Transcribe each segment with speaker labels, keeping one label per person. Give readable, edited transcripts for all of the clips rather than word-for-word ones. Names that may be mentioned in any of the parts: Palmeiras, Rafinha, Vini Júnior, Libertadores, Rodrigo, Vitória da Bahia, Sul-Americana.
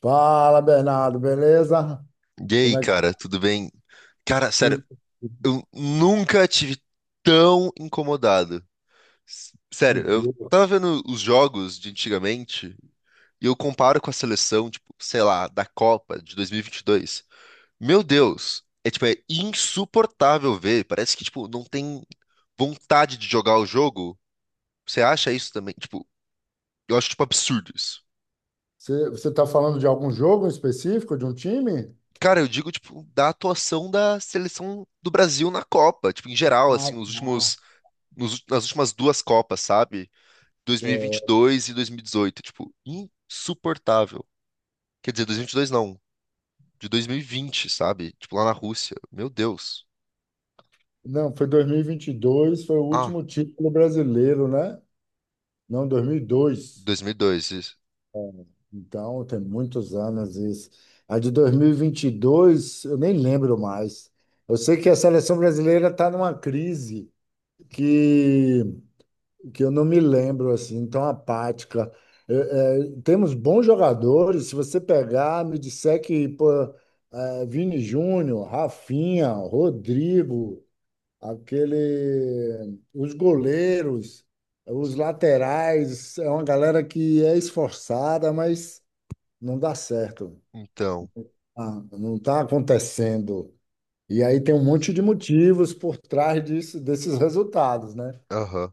Speaker 1: Fala, Bernardo, beleza?
Speaker 2: E
Speaker 1: Como
Speaker 2: aí,
Speaker 1: é que
Speaker 2: cara, tudo bem? Cara, sério,
Speaker 1: tudo
Speaker 2: eu nunca tive tão incomodado. Sério, eu
Speaker 1: tranquilo?
Speaker 2: tava vendo os jogos de antigamente e eu comparo com a seleção, tipo, sei lá, da Copa de dois mil e vinte e dois. Meu Deus, é tipo, é insuportável ver. Parece que, tipo, não tem vontade de jogar o jogo. Você acha isso também? Tipo, eu acho, tipo, absurdo isso.
Speaker 1: Você está falando de algum jogo específico, de um time?
Speaker 2: Cara, eu digo, tipo, da atuação da seleção do Brasil na Copa, tipo, em geral,
Speaker 1: Ah,
Speaker 2: assim, os
Speaker 1: tá.
Speaker 2: últimos nas últimas duas Copas, sabe?
Speaker 1: É,
Speaker 2: 2022 e 2018, tipo, insuportável. Quer dizer, 2022 não, de 2020, sabe? Tipo, lá na Rússia. Meu Deus.
Speaker 1: não, foi 2022, foi o
Speaker 2: Ah,
Speaker 1: último título brasileiro, né? Não, 2002.
Speaker 2: 2002, isso.
Speaker 1: Então, tem muitos anos isso. A de 2022, eu nem lembro mais. Eu sei que a seleção brasileira está numa crise que que eu não me lembro assim, tão apática. É, Temos bons jogadores, se você pegar, me disser que pô, Vini Júnior, Rafinha, Rodrigo, aquele, os goleiros, os laterais, é uma galera que é esforçada, mas não dá certo.
Speaker 2: Então,
Speaker 1: Ah, não está acontecendo. E aí tem um monte de motivos por trás disso, desses resultados, né?
Speaker 2: aham.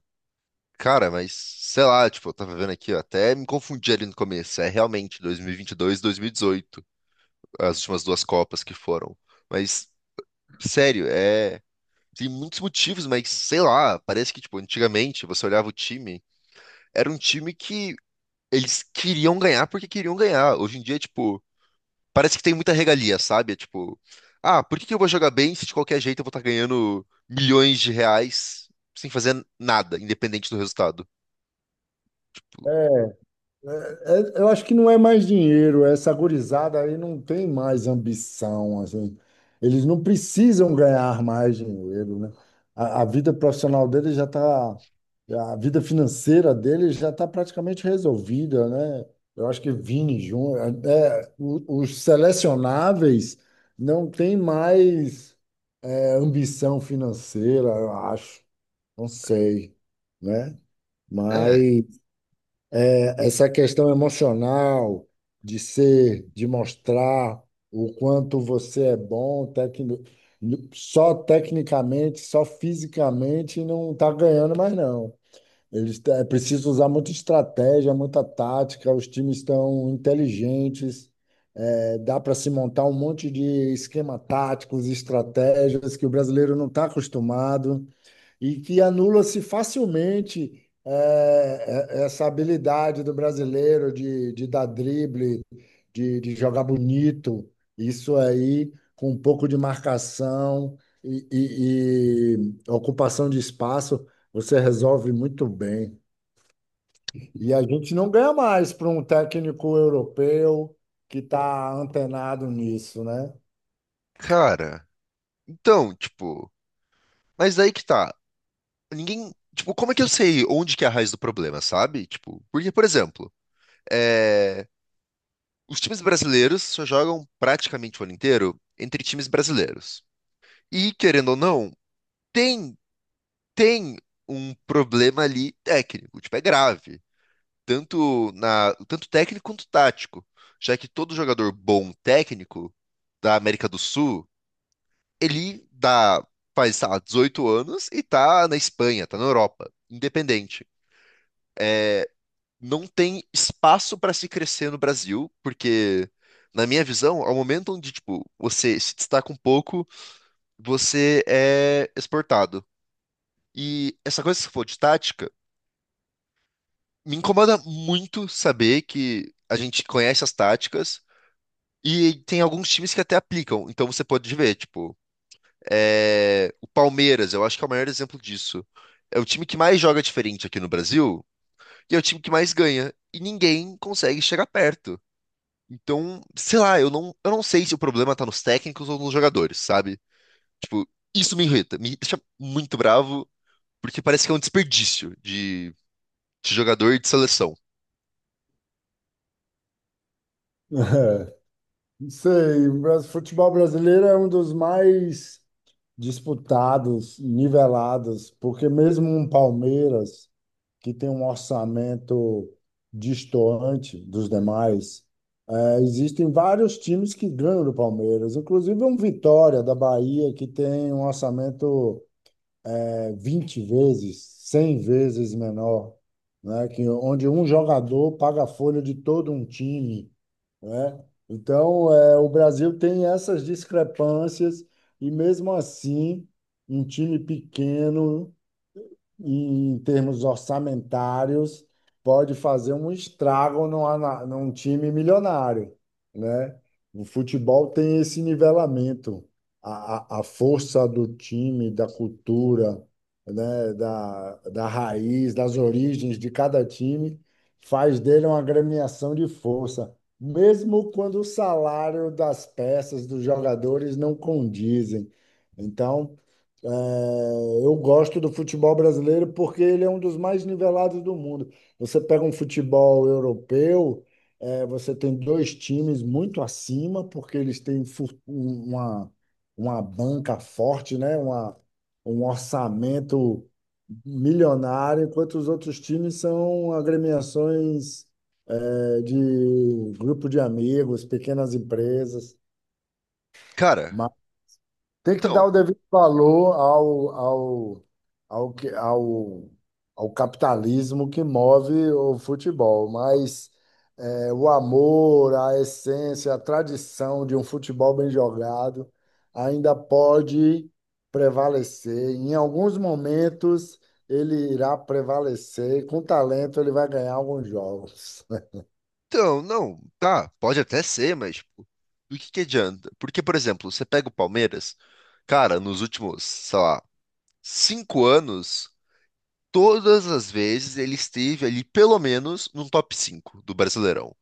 Speaker 2: Cara, mas sei lá, tipo, eu tava vendo aqui, ó, até me confundi ali no começo. É realmente 2022 e 2018, as últimas duas Copas que foram. Mas, sério, é. Tem muitos motivos, mas sei lá, parece que, tipo, antigamente você olhava o time, era um time que eles queriam ganhar porque queriam ganhar. Hoje em dia, tipo, parece que tem muita regalia, sabe? É tipo, ah, por que que eu vou jogar bem se de qualquer jeito eu vou estar ganhando milhões de reais sem fazer nada, independente do resultado?
Speaker 1: É, é, eu acho que não é mais dinheiro, essa gurizada aí não tem mais ambição, assim. Eles não precisam ganhar mais dinheiro, né? A vida profissional deles já está, a vida financeira deles já está praticamente resolvida, né? Eu acho que Vini Júnior, os selecionáveis não têm mais ambição financeira, eu acho, não sei, né?
Speaker 2: É,
Speaker 1: Mas essa questão emocional de ser, de mostrar o quanto você é bom, só tecnicamente, só fisicamente, não está ganhando mais não. É preciso usar muita estratégia, muita tática. Os times estão inteligentes. Dá para se montar um monte de esquema táticos, estratégias que o brasileiro não está acostumado e que anula-se facilmente essa habilidade do brasileiro de dar drible, de jogar bonito. Isso aí, com um pouco de marcação e, e- e ocupação de espaço, você resolve muito bem. E a gente não ganha mais para um técnico europeu que está antenado nisso, né?
Speaker 2: cara. Então, tipo, mas aí que tá. Ninguém, tipo, como é que eu sei onde que é a raiz do problema, sabe? Tipo, porque, por exemplo, é, os times brasileiros só jogam praticamente o ano inteiro entre times brasileiros. E, querendo ou não, tem tem um problema ali técnico, tipo, é grave, tanto na, tanto técnico quanto tático, já que todo jogador bom técnico da América do Sul, ele dá, faz, sei lá, 18 anos e tá na Espanha, tá na Europa, independente. Não tem espaço para se crescer no Brasil, porque na minha visão, ao momento onde, tipo, você se destaca um pouco, você é exportado. E essa coisa que você falou de tática me incomoda muito saber que a gente conhece as táticas e tem alguns times que até aplicam. Então você pode ver, tipo, é, o Palmeiras, eu acho que é o maior exemplo disso. É o time que mais joga diferente aqui no Brasil e é o time que mais ganha. E ninguém consegue chegar perto. Então, sei lá, eu não sei se o problema tá nos técnicos ou nos jogadores, sabe? Tipo, isso me irrita, me deixa muito bravo, porque parece que é um desperdício de jogador e de seleção.
Speaker 1: Não sei, o futebol brasileiro é um dos mais disputados, nivelados, porque mesmo um Palmeiras, que tem um orçamento destoante dos demais, existem vários times que ganham do Palmeiras, inclusive um Vitória da Bahia, que tem um orçamento 20 vezes, 100 vezes menor, né? Que, onde um jogador paga a folha de todo um time, né? Então, é, o Brasil tem essas discrepâncias e mesmo assim, um time pequeno em termos orçamentários, pode fazer um estrago num time milionário, né? O futebol tem esse nivelamento, a força do time, da cultura, né? Da raiz, das origens de cada time, faz dele uma agremiação de força, mesmo quando o salário das peças, dos jogadores não condizem. Então, é, eu gosto do futebol brasileiro porque ele é um dos mais nivelados do mundo. Você pega um futebol europeu, você tem dois times muito acima, porque eles têm uma banca forte, né? Um orçamento milionário, enquanto os outros times são agremiações, de grupo de amigos, pequenas empresas.
Speaker 2: Cara,
Speaker 1: Tem que dar
Speaker 2: então,
Speaker 1: o devido valor ao ao capitalismo que move o futebol, mas é, o amor, a essência, a tradição de um futebol bem jogado ainda pode prevalecer. Em alguns momentos, ele irá prevalecer. Com talento, ele vai ganhar alguns jogos.
Speaker 2: Não, tá, pode até ser, mas tipo, do que adianta? Porque, por exemplo, você pega o Palmeiras, cara, nos últimos, sei lá, 5 anos, todas as vezes ele esteve ali pelo menos no top 5 do Brasileirão.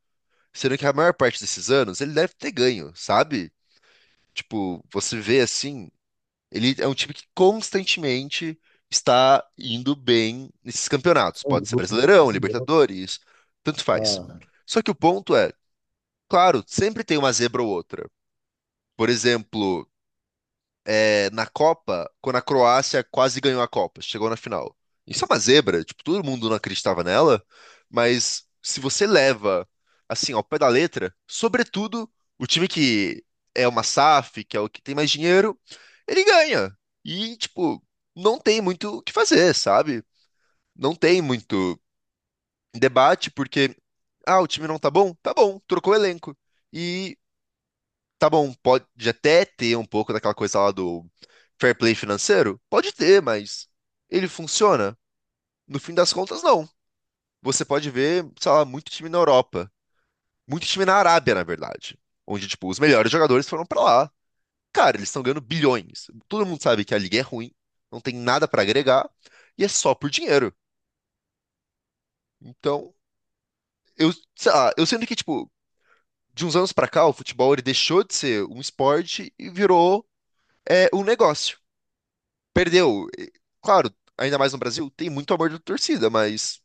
Speaker 2: Sendo que a maior parte desses anos ele deve ter ganho, sabe? Tipo, você vê assim, ele é um time que constantemente está indo bem nesses campeonatos.
Speaker 1: Sem
Speaker 2: Pode ser
Speaker 1: dúvida.
Speaker 2: Brasileirão, Libertadores, tanto faz.
Speaker 1: Ah.
Speaker 2: Só que o ponto é. Claro, sempre tem uma zebra ou outra. Por exemplo, é, na Copa, quando a Croácia quase ganhou a Copa, chegou na final. Isso é uma zebra, tipo, todo mundo não acreditava nela, mas se você leva assim ao pé da letra, sobretudo o time que é uma SAF, que é o que tem mais dinheiro, ele ganha. E tipo, não tem muito o que fazer, sabe? Não tem muito debate porque ah, o time não tá bom? Tá bom, trocou o elenco. E tá bom, pode até ter um pouco daquela coisa lá do fair play financeiro? Pode ter, mas ele funciona? No fim das contas, não. Você pode ver, sei lá, muito time na Europa, muito time na Arábia, na verdade, onde, tipo, os melhores jogadores foram pra lá. Cara, eles estão ganhando bilhões. Todo mundo sabe que a liga é ruim, não tem nada pra agregar e é só por dinheiro. Então, eu, sei lá, eu sinto que, tipo, de uns anos pra cá, o futebol ele deixou de ser um esporte e virou é, um negócio. Perdeu. E, claro, ainda mais no Brasil, tem muito amor da torcida, mas,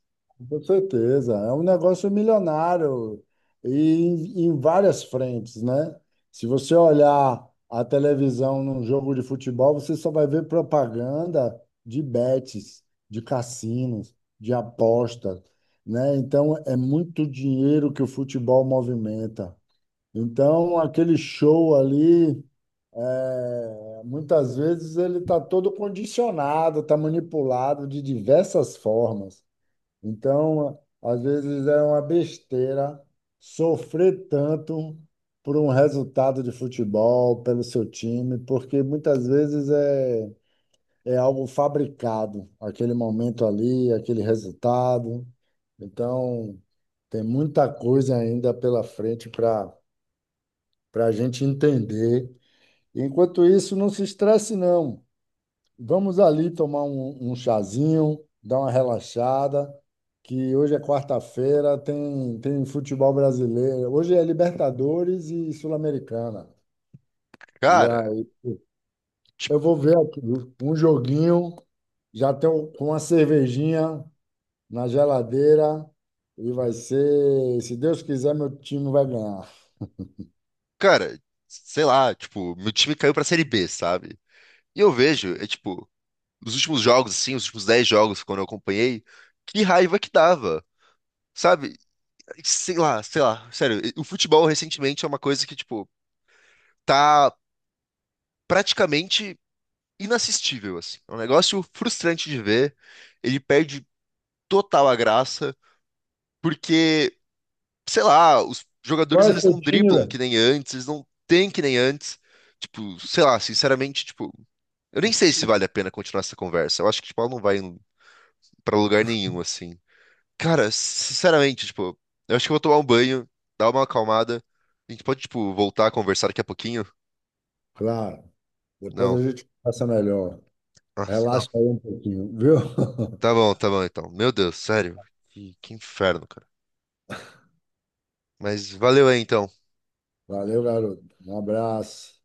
Speaker 1: Com certeza, é um negócio milionário e em várias frentes, né? Se você olhar a televisão num jogo de futebol, você só vai ver propaganda de bets, de cassinos, de apostas, né? Então é muito dinheiro que o futebol movimenta. Então aquele show ali, é, muitas vezes ele está todo condicionado, está manipulado de diversas formas. Então, às vezes é uma besteira sofrer tanto por um resultado de futebol, pelo seu time, porque muitas vezes é, é algo fabricado, aquele momento ali, aquele resultado. Então, tem muita coisa ainda pela frente para a gente entender. Enquanto isso, não se estresse, não. Vamos ali tomar um chazinho, dar uma relaxada, que hoje é quarta-feira, tem, tem futebol brasileiro. Hoje é Libertadores e Sul-Americana. E
Speaker 2: cara,
Speaker 1: aí, pô, eu
Speaker 2: tipo,
Speaker 1: vou ver aqui um joguinho, já tenho com uma cervejinha na geladeira, e vai ser, se Deus quiser, meu time vai ganhar.
Speaker 2: cara, sei lá, tipo, meu time caiu pra Série B, sabe? E eu vejo, é tipo, nos últimos jogos, assim, os últimos 10 jogos, quando eu acompanhei, que raiva que dava, sabe? Sei lá, sério, o futebol recentemente é uma coisa que, tipo, tá praticamente inassistível, assim. É um negócio frustrante de ver, ele perde total a graça, porque, sei lá, os jogadores
Speaker 1: Qual é o
Speaker 2: eles não
Speaker 1: seu time,
Speaker 2: driblam que
Speaker 1: velho?
Speaker 2: nem antes, eles não têm que nem antes. Tipo, sei lá, sinceramente, tipo, eu nem sei se vale a pena continuar essa conversa. Eu acho que tipo, ela não vai pra lugar nenhum assim. Cara, sinceramente, tipo, eu acho que eu vou tomar um banho, dar uma acalmada. A gente pode, tipo, voltar a conversar daqui a pouquinho?
Speaker 1: Claro, depois
Speaker 2: Não.
Speaker 1: a gente passa melhor.
Speaker 2: Ah, não.
Speaker 1: Relaxa aí um pouquinho, viu?
Speaker 2: Tá bom então. Meu Deus, sério. Que inferno, cara. Mas valeu aí então.
Speaker 1: Valeu, garoto. Um abraço.